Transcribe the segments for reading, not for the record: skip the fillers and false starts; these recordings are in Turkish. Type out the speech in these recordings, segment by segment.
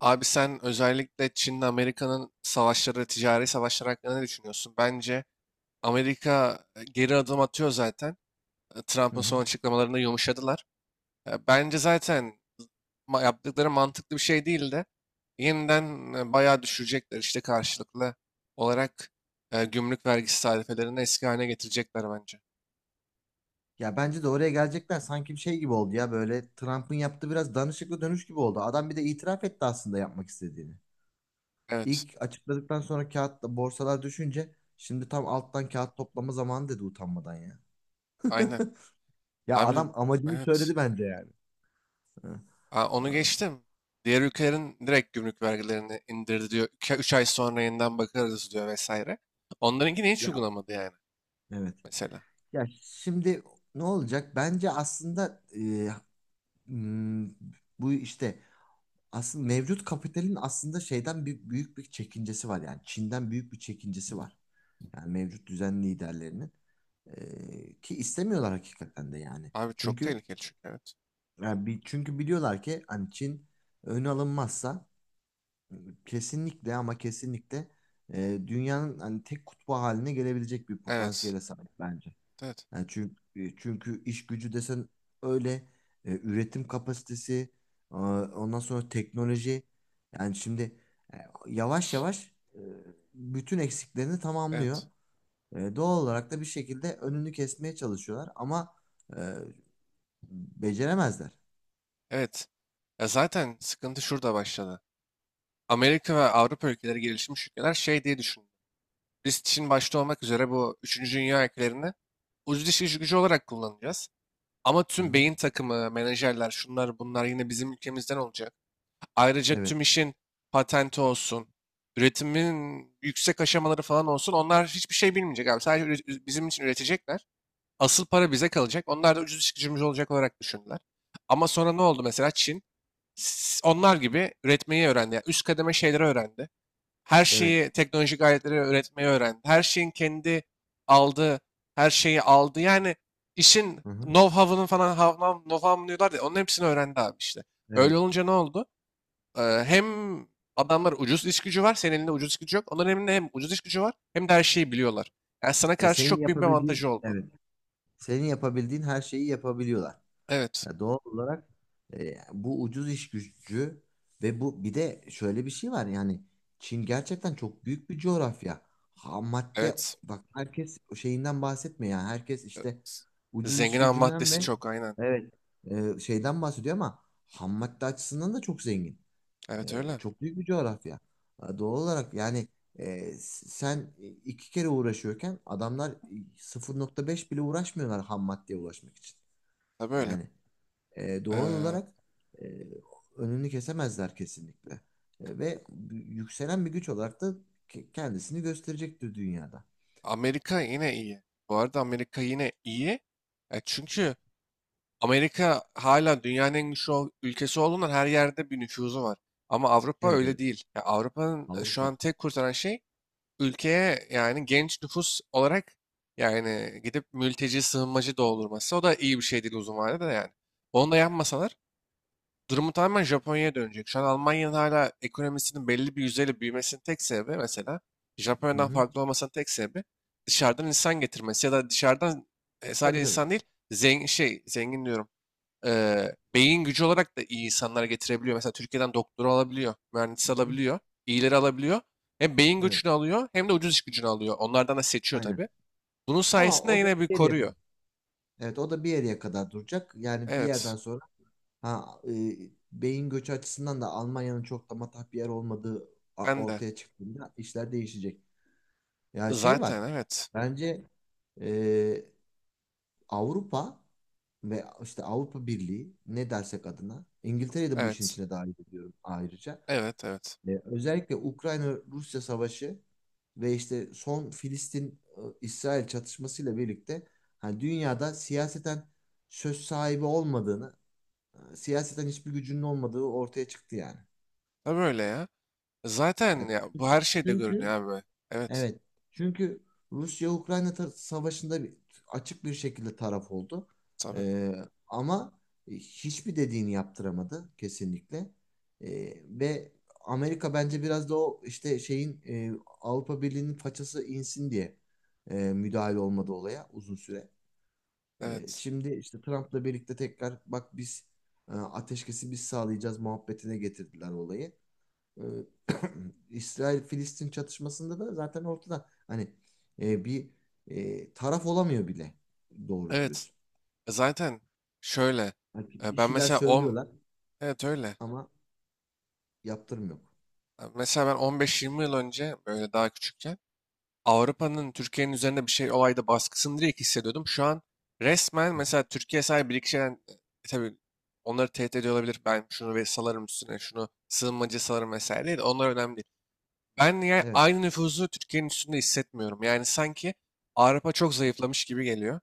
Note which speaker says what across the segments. Speaker 1: Abi sen özellikle Çin'le Amerika'nın savaşları, ticari savaşlar hakkında ne düşünüyorsun? Bence Amerika geri adım atıyor zaten.
Speaker 2: Hı
Speaker 1: Trump'ın son
Speaker 2: hı.
Speaker 1: açıklamalarında yumuşadılar. Bence zaten yaptıkları mantıklı bir şey değil de yeniden bayağı düşürecekler işte karşılıklı olarak gümrük vergisi tarifelerini eski haline getirecekler bence.
Speaker 2: Ya bence de oraya gelecekler sanki bir şey gibi oldu ya böyle Trump'ın yaptığı biraz danışıklı dönüş gibi oldu. Adam bir de itiraf etti aslında yapmak istediğini.
Speaker 1: Evet,
Speaker 2: İlk açıkladıktan sonra kağıt borsalar düşünce şimdi tam alttan kağıt toplama zamanı dedi utanmadan ya.
Speaker 1: aynen.
Speaker 2: Ya
Speaker 1: Abi,
Speaker 2: adam amacını
Speaker 1: evet.
Speaker 2: söyledi bence yani. Hı.
Speaker 1: Onu
Speaker 2: Aa,
Speaker 1: geçtim. Diğer ülkelerin direkt gümrük vergilerini indirdi diyor. 3 ay sonra yeniden bakarız diyor vesaire. Onlarınkini hiç
Speaker 2: ya
Speaker 1: uygulamadı yani
Speaker 2: evet.
Speaker 1: mesela.
Speaker 2: Ya şimdi ne olacak? Bence aslında hmm, bu işte aslında mevcut kapitalin aslında şeyden büyük bir çekincesi var yani Çin'den büyük bir çekincesi var. Yani mevcut düzen liderlerinin ki istemiyorlar hakikaten de yani.
Speaker 1: Abi çok
Speaker 2: Çünkü
Speaker 1: tehlikeli çünkü, evet.
Speaker 2: yani bir, çünkü biliyorlar ki hani Çin ön alınmazsa kesinlikle ama kesinlikle dünyanın hani tek kutbu haline gelebilecek bir
Speaker 1: Evet.
Speaker 2: potansiyele sahip bence.
Speaker 1: Evet.
Speaker 2: Yani çünkü iş gücü desen öyle üretim kapasitesi ondan sonra teknoloji yani şimdi e, yavaş yavaş bütün eksiklerini tamamlıyor.
Speaker 1: Evet.
Speaker 2: Doğal olarak da bir şekilde önünü kesmeye çalışıyorlar ama e, beceremezler.
Speaker 1: Evet. Ya zaten sıkıntı şurada başladı. Amerika ve Avrupa ülkeleri gelişmiş ülkeler şey diye düşündü. Biz Çin başta olmak üzere bu üçüncü dünya ülkelerini ucuz iş gücü olarak kullanacağız. Ama
Speaker 2: Hı
Speaker 1: tüm
Speaker 2: hı.
Speaker 1: beyin takımı, menajerler, şunlar bunlar yine bizim ülkemizden olacak. Ayrıca
Speaker 2: Evet,
Speaker 1: tüm işin patenti olsun, üretimin yüksek aşamaları falan olsun. Onlar hiçbir şey bilmeyecek abi. Sadece bizim için üretecekler. Asıl para bize kalacak. Onlar da ucuz iş gücümüz olacak olarak düşündüler. Ama sonra ne oldu mesela Çin? Onlar gibi üretmeyi öğrendi. Yani üst kademe şeyleri öğrendi. Her
Speaker 2: evet.
Speaker 1: şeyi teknolojik aletleri üretmeyi öğrendi. Her şeyin kendi aldığı, her şeyi aldı. Yani işin
Speaker 2: Hı hı.
Speaker 1: know-how'ının falan know-how'ını diyorlar ya. Onun hepsini öğrendi abi işte. Öyle
Speaker 2: Evet.
Speaker 1: olunca ne oldu? Hem adamlar ucuz iş gücü var. Senin elinde ucuz iş gücü yok. Onların elinde hem ucuz iş gücü var hem de her şeyi biliyorlar. Yani sana
Speaker 2: Ve
Speaker 1: karşı
Speaker 2: senin
Speaker 1: çok büyük bir
Speaker 2: yapabildiğin
Speaker 1: avantajı oldu.
Speaker 2: evet. Senin yapabildiğin her şeyi yapabiliyorlar.
Speaker 1: Evet.
Speaker 2: Ya doğal olarak bu ucuz iş gücü ve bu bir de şöyle bir şey var yani Çin gerçekten çok büyük bir coğrafya. Ham madde
Speaker 1: Evet.
Speaker 2: bak herkes o şeyinden bahsetmiyor yani herkes işte
Speaker 1: Evet.
Speaker 2: ucuz iş
Speaker 1: Zengin ham
Speaker 2: gücünden
Speaker 1: maddesi
Speaker 2: ve
Speaker 1: çok, aynen.
Speaker 2: evet, şeyden bahsediyor ama ham madde açısından da çok zengin.
Speaker 1: Evet, öyle.
Speaker 2: Çok büyük bir coğrafya. Doğal olarak yani sen iki kere uğraşıyorken adamlar 0,5 bile uğraşmıyorlar ham maddeye ulaşmak için.
Speaker 1: Tabii öyle.
Speaker 2: Yani doğal
Speaker 1: Eee,
Speaker 2: olarak e, önünü kesemezler kesinlikle. Ve yükselen bir güç olarak da kendisini gösterecektir dünyada.
Speaker 1: Amerika yine iyi. Bu arada Amerika yine iyi. Çünkü Amerika hala dünyanın en güçlü ülkesi olduğundan her yerde bir nüfuzu var. Ama Avrupa
Speaker 2: Evet,
Speaker 1: öyle
Speaker 2: evet,
Speaker 1: değil. Ya Avrupa'nın şu
Speaker 2: Avrupa.
Speaker 1: an tek kurtaran şey ülkeye yani genç nüfus olarak yani gidip mülteci sığınmacı doldurması, o da iyi bir şey değil uzun vadede de yani. Onu da yapmasalar durumu tamamen Japonya'ya dönecek. Şu an Almanya'nın hala ekonomisinin belli bir yüzdeyle büyümesinin tek sebebi, mesela
Speaker 2: Hı
Speaker 1: Japonya'dan
Speaker 2: hı.
Speaker 1: farklı olmasının tek sebebi dışarıdan insan getirmesi ya da dışarıdan sadece
Speaker 2: Tabii, tabii.
Speaker 1: insan değil, zengin şey, zengin diyorum, beyin gücü olarak da iyi insanlar getirebiliyor. Mesela Türkiye'den doktoru alabiliyor,
Speaker 2: Hı
Speaker 1: mühendis
Speaker 2: hı.
Speaker 1: alabiliyor, iyileri alabiliyor. Hem beyin
Speaker 2: Evet,
Speaker 1: gücünü alıyor hem de ucuz iş gücünü alıyor. Onlardan da seçiyor
Speaker 2: aynen.
Speaker 1: tabii. Bunun
Speaker 2: Ama
Speaker 1: sayesinde
Speaker 2: o da
Speaker 1: yine bir
Speaker 2: bir yere kadar.
Speaker 1: koruyor.
Speaker 2: Evet, o da bir yere kadar duracak. Yani bir
Speaker 1: Evet,
Speaker 2: yerden sonra ha, e, beyin göçü açısından da Almanya'nın çok da matah bir yer olmadığı
Speaker 1: ben de.
Speaker 2: ortaya çıktığında işler değişecek. Ya şey
Speaker 1: Zaten,
Speaker 2: var.
Speaker 1: evet.
Speaker 2: Bence e, Avrupa ve işte Avrupa Birliği ne dersek adına İngiltere'yi de bu işin
Speaker 1: Evet.
Speaker 2: içine dahil ediyorum ayrıca.
Speaker 1: Evet, evet.
Speaker 2: Özellikle Ukrayna-Rusya savaşı ve işte son Filistin-İsrail çatışmasıyla birlikte hani dünyada siyaseten söz sahibi olmadığını, siyaseten hiçbir gücünün olmadığı ortaya çıktı yani.
Speaker 1: Tabii öyle ya. Zaten
Speaker 2: Yani
Speaker 1: ya bu her şeyde görünüyor
Speaker 2: çünkü
Speaker 1: abi. Evet,
Speaker 2: evet. Çünkü Rusya-Ukrayna savaşında açık bir şekilde taraf oldu.
Speaker 1: tabii.
Speaker 2: Ee, ama hiçbir dediğini yaptıramadı kesinlikle. Ve Amerika bence biraz da o işte şeyin Avrupa Birliği'nin façası insin diye müdahale olmadı olaya uzun süre.
Speaker 1: Evet.
Speaker 2: Şimdi işte Trump'la birlikte tekrar bak biz ateşkesi biz sağlayacağız muhabbetine getirdiler olayı e, İsrail-Filistin çatışmasında da zaten ortada hani bir taraf olamıyor bile doğru
Speaker 1: Evet.
Speaker 2: dürüst.
Speaker 1: Zaten şöyle.
Speaker 2: Hani bir
Speaker 1: Ben
Speaker 2: şeyler
Speaker 1: mesela 10.
Speaker 2: söylüyorlar
Speaker 1: Evet öyle.
Speaker 2: ama yaptırım yok.
Speaker 1: Mesela ben 15-20 yıl önce böyle daha küçükken Avrupa'nın Türkiye'nin üzerinde bir şey olayda baskısını direkt hissediyordum. Şu an resmen
Speaker 2: Hı hı.
Speaker 1: mesela Türkiye sadece bir iki şeyden tabii onları tehdit ediyor olabilir. Ben şunu ve salarım, üstüne şunu sığınmacı salarım vesaire değil. Onlar önemli değil. Ben yani
Speaker 2: Evet.
Speaker 1: aynı nüfuzu Türkiye'nin üstünde hissetmiyorum. Yani sanki Avrupa çok zayıflamış gibi geliyor.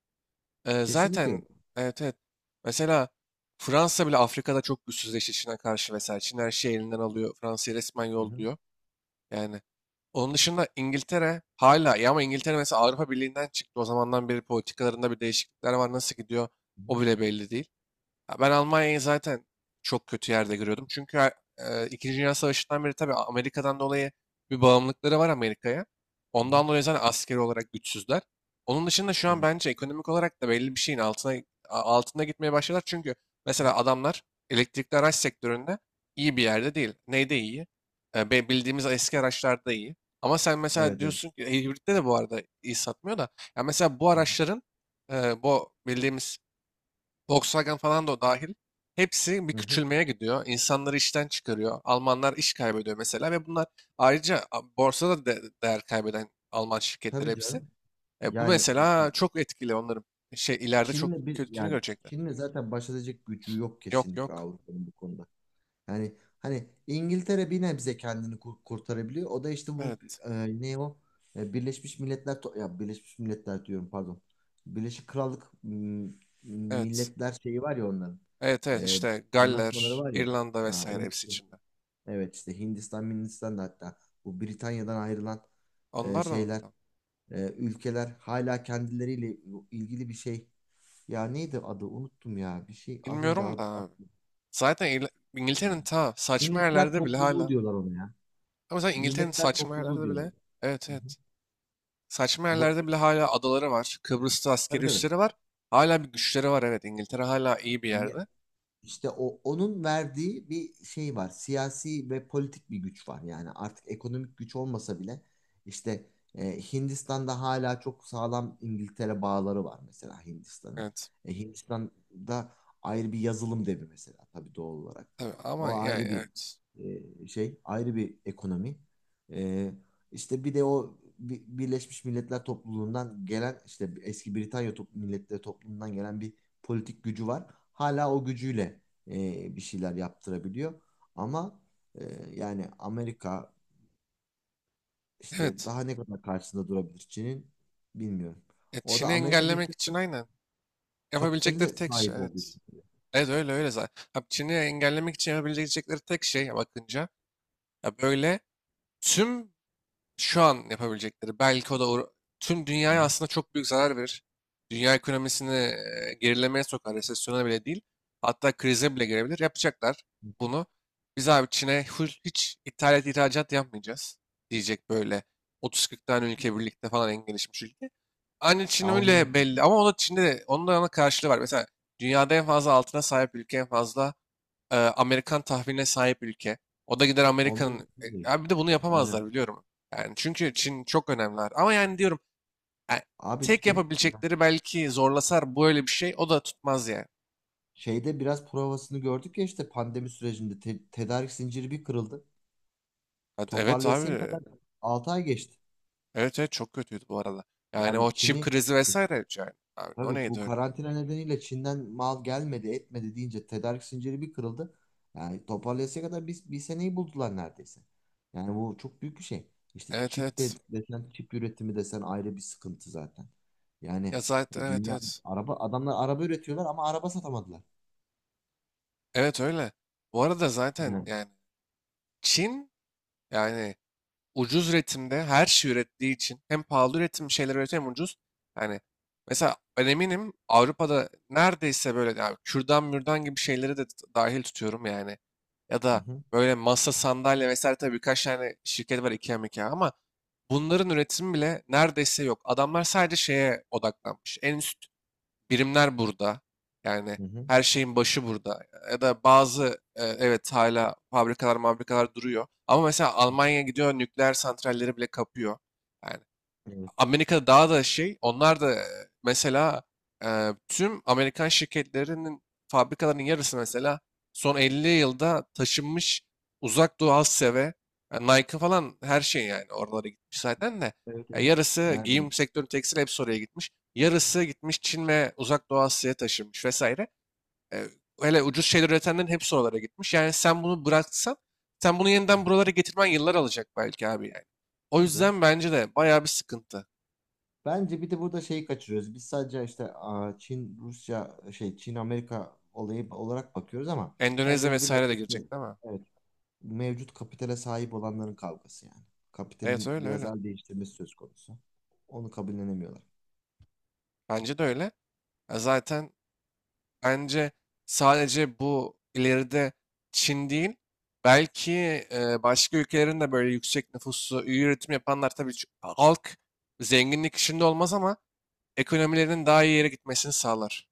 Speaker 2: Kesinlikle yok.
Speaker 1: Zaten, evet, evet. Mesela Fransa bile Afrika'da çok güçsüzleşti Çin'e karşı vesaire. Çin her şeyi elinden alıyor. Fransa'yı resmen
Speaker 2: Hı hı.
Speaker 1: yolluyor. Yani onun dışında İngiltere hala, ya ama İngiltere mesela Avrupa Birliği'nden çıktı. O zamandan beri politikalarında bir değişiklikler var. Nasıl gidiyor
Speaker 2: Hı hı.
Speaker 1: o bile belli değil. Ya ben Almanya'yı zaten çok kötü yerde görüyordum. Çünkü İkinci Dünya Savaşı'ndan beri, tabii Amerika'dan dolayı, bir bağımlılıkları var Amerika'ya.
Speaker 2: Hı hı.
Speaker 1: Ondan dolayı zaten askeri olarak güçsüzler. Onun dışında şu an
Speaker 2: Evet.
Speaker 1: bence ekonomik olarak da belli bir şeyin altına altında gitmeye başladılar. Çünkü
Speaker 2: Hı hı.
Speaker 1: mesela adamlar elektrikli araç sektöründe iyi bir yerde değil. Neyde iyi? Bildiğimiz eski araçlarda iyi. Ama sen
Speaker 2: Evet.
Speaker 1: mesela
Speaker 2: Evet.
Speaker 1: diyorsun ki hibritte de bu arada iyi satmıyor da. Ya mesela bu
Speaker 2: Hı hı.
Speaker 1: araçların bu bildiğimiz Volkswagen falan da o dahil. Hepsi bir
Speaker 2: Hı hı.
Speaker 1: küçülmeye gidiyor. İnsanları işten çıkarıyor. Almanlar iş kaybediyor mesela, ve bunlar ayrıca borsada değer kaybeden Alman şirketleri
Speaker 2: Tabii
Speaker 1: hepsi.
Speaker 2: canım.
Speaker 1: Bu
Speaker 2: Yani işte
Speaker 1: mesela çok etkili onların. Şey, ileride çok
Speaker 2: Çin'le bir
Speaker 1: kötülüğünü
Speaker 2: yani
Speaker 1: görecekler.
Speaker 2: Çin'le zaten baş edecek gücü yok
Speaker 1: Yok
Speaker 2: kesinlikle
Speaker 1: yok.
Speaker 2: Avrupa'nın bu konuda. Yani hani İngiltere bir nebze kendini kurtarabiliyor. O da işte bu
Speaker 1: Evet.
Speaker 2: ne o? Birleşmiş Milletler ya Birleşmiş Milletler diyorum pardon. Birleşik Krallık
Speaker 1: Evet.
Speaker 2: Milletler şeyi var ya onların.
Speaker 1: Evet evet,
Speaker 2: E,
Speaker 1: işte
Speaker 2: anlaşmaları
Speaker 1: Galler,
Speaker 2: var ya.
Speaker 1: İrlanda
Speaker 2: Ha,
Speaker 1: vesaire hepsi
Speaker 2: unuttum.
Speaker 1: içinde.
Speaker 2: Evet işte Hindistan, Hindistan da hatta bu Britanya'dan ayrılan
Speaker 1: Onlar da mı?
Speaker 2: şeyler,
Speaker 1: Tamam.
Speaker 2: ülkeler hala kendileriyle ilgili bir şey. Ya neydi adı? Unuttum ya. Bir şey az önce.
Speaker 1: Bilmiyorum da abi. Zaten İngiltere'nin ta saçma
Speaker 2: Milletler
Speaker 1: yerlerde bile
Speaker 2: Topluluğu
Speaker 1: hala.
Speaker 2: diyorlar ona ya.
Speaker 1: Ama zaten İngiltere'nin
Speaker 2: Milletler
Speaker 1: saçma
Speaker 2: Topluluğu
Speaker 1: yerlerde
Speaker 2: diyorlar.
Speaker 1: bile. Evet,
Speaker 2: Hı hı.
Speaker 1: evet. Saçma
Speaker 2: Bu,
Speaker 1: yerlerde bile hala adaları var. Kıbrıs'ta
Speaker 2: tabii
Speaker 1: askeri
Speaker 2: tabii.
Speaker 1: üsleri var. Hala bir güçleri var, evet. İngiltere hala iyi bir yerde.
Speaker 2: İşte o onun verdiği bir şey var. Siyasi ve politik bir güç var. Yani artık ekonomik güç olmasa bile işte Hindistan'da hala çok sağlam İngiltere bağları var mesela Hindistan'ın.
Speaker 1: Evet.
Speaker 2: Hindistan'da ayrı bir yazılım devi mesela tabii doğal olarak.
Speaker 1: Tabii ama
Speaker 2: O
Speaker 1: yani
Speaker 2: ayrı bir
Speaker 1: evet.
Speaker 2: ayrı bir ekonomi. E, işte bir de o Birleşmiş Milletler topluluğundan gelen işte eski Britanya Milletleri topluluğundan gelen bir politik gücü var. Hala o gücüyle bir şeyler yaptırabiliyor. Ama e, yani Amerika işte
Speaker 1: Evet.
Speaker 2: daha ne kadar karşısında durabilir Çin'in bilmiyorum. O da
Speaker 1: Çin'i
Speaker 2: Amerika'da
Speaker 1: engellemek
Speaker 2: işte
Speaker 1: için,
Speaker 2: sırf
Speaker 1: aynen.
Speaker 2: kapitali
Speaker 1: Yapabilecekleri
Speaker 2: de
Speaker 1: tek şey,
Speaker 2: sahip olduğu
Speaker 1: evet.
Speaker 2: için.
Speaker 1: Evet öyle, öyle zaten. Ha, Çin'i engellemek için yapabilecekleri tek şey bakınca ya böyle tüm şu an yapabilecekleri, belki o da tüm
Speaker 2: Hı
Speaker 1: dünyaya
Speaker 2: hı.
Speaker 1: aslında çok büyük zarar verir. Dünya ekonomisini gerilemeye sokar, resesyona bile değil. Hatta krize bile girebilir. Yapacaklar
Speaker 2: Hı hı.
Speaker 1: bunu. Biz abi Çin'e full hiç ithalat ihracat yapmayacağız diyecek böyle 30-40 tane ülke birlikte falan, en gelişmiş ülke. Aynı Çin
Speaker 2: Ya o
Speaker 1: öyle
Speaker 2: mümkün.
Speaker 1: belli,
Speaker 2: değil.
Speaker 1: ama o da Çin'de de onun da ana karşılığı var. Mesela dünyada en fazla altına sahip ülke, en fazla Amerikan tahviline sahip ülke. O da gider
Speaker 2: O
Speaker 1: Amerika'nın...
Speaker 2: mümkün
Speaker 1: E,
Speaker 2: değil.
Speaker 1: abi bir de bunu
Speaker 2: Aynen.
Speaker 1: yapamazlar biliyorum. Yani çünkü Çin çok önemliler. Ama yani diyorum e,
Speaker 2: Abi
Speaker 1: tek
Speaker 2: işte ya
Speaker 1: yapabilecekleri belki, zorlasar böyle bir şey o da tutmaz yani.
Speaker 2: şeyde biraz provasını gördük ya işte pandemi sürecinde tedarik zinciri bir kırıldı.
Speaker 1: Hadi, evet abi,
Speaker 2: Toparlayasaya kadar 6 ay geçti.
Speaker 1: evet, evet çok kötüydü bu arada. Yani
Speaker 2: Yani
Speaker 1: o çip
Speaker 2: Çin'i
Speaker 1: krizi vesaire yani. Abi o
Speaker 2: Tabii
Speaker 1: neydi
Speaker 2: bu
Speaker 1: öyle?
Speaker 2: karantina nedeniyle Çin'den mal gelmedi, etmedi deyince tedarik zinciri bir kırıldı. Yani toparlayasıya kadar bir seneyi buldular neredeyse. Yani bu çok büyük bir şey. İşte
Speaker 1: Evet,
Speaker 2: çip de
Speaker 1: evet.
Speaker 2: desen, çip üretimi desen ayrı bir sıkıntı zaten.
Speaker 1: Ya
Speaker 2: Yani
Speaker 1: zaten,
Speaker 2: e,
Speaker 1: evet,
Speaker 2: dünya
Speaker 1: evet.
Speaker 2: araba adamlar araba üretiyorlar ama araba satamadılar.
Speaker 1: Evet, öyle. Bu arada zaten
Speaker 2: Yani
Speaker 1: yani Çin yani ucuz üretimde her şey ürettiği için hem pahalı üretim şeyler üretiyor hem ucuz. Yani mesela ben eminim Avrupa'da neredeyse böyle yani kürdan mürdan gibi şeyleri de dahil tutuyorum yani. Ya
Speaker 2: hı
Speaker 1: da
Speaker 2: hı,
Speaker 1: böyle masa sandalye vesaire, tabii birkaç tane şirket var, IKEA MIKEA, ama bunların üretimi bile neredeyse yok. Adamlar sadece şeye odaklanmış. En üst birimler burada. Yani
Speaker 2: hı hı.
Speaker 1: her şeyin başı burada. Ya da bazı evet hala fabrikalar duruyor. Ama mesela Almanya gidiyor nükleer santralleri bile kapıyor. Yani
Speaker 2: Evet,
Speaker 1: Amerika'da daha da şey, onlar da mesela tüm Amerikan şirketlerinin fabrikalarının yarısı mesela son 50 yılda taşınmış uzak doğu Asya ve yani Nike falan her şey yani oralara gitmiş zaten de.
Speaker 2: evet,
Speaker 1: Ya
Speaker 2: evet.
Speaker 1: yarısı giyim
Speaker 2: Neredeyim?
Speaker 1: sektörü tekstil hepsi oraya gitmiş. Yarısı gitmiş Çin ve uzak doğu Asya'ya taşınmış vesaire. E, hele ucuz şeyler üretenlerin hepsi oralara gitmiş. Yani sen bunu bıraksan sen bunu yeniden buralara getirmen yıllar alacak belki abi yani. O
Speaker 2: Tabii canım.
Speaker 1: yüzden bence de bayağı bir sıkıntı.
Speaker 2: Bence bir de burada şeyi kaçırıyoruz. Biz sadece işte Çin, Rusya, Çin, Amerika olayı olarak bakıyoruz ama bence
Speaker 1: Endonezya
Speaker 2: bu biraz
Speaker 1: vesaire de girecek değil mi?
Speaker 2: evet, mevcut kapitale sahip olanların kavgası yani.
Speaker 1: Evet,
Speaker 2: Kapitalin
Speaker 1: öyle
Speaker 2: biraz
Speaker 1: öyle.
Speaker 2: el değiştirmesi söz konusu. Onu kabullenemiyorlar.
Speaker 1: Bence de öyle. Ya zaten bence sadece bu ileride Çin değil, belki başka ülkelerin de, böyle yüksek nüfuslu, iyi üretim yapanlar, tabii halk zenginlik içinde olmaz ama ekonomilerinin daha iyi yere gitmesini sağlar.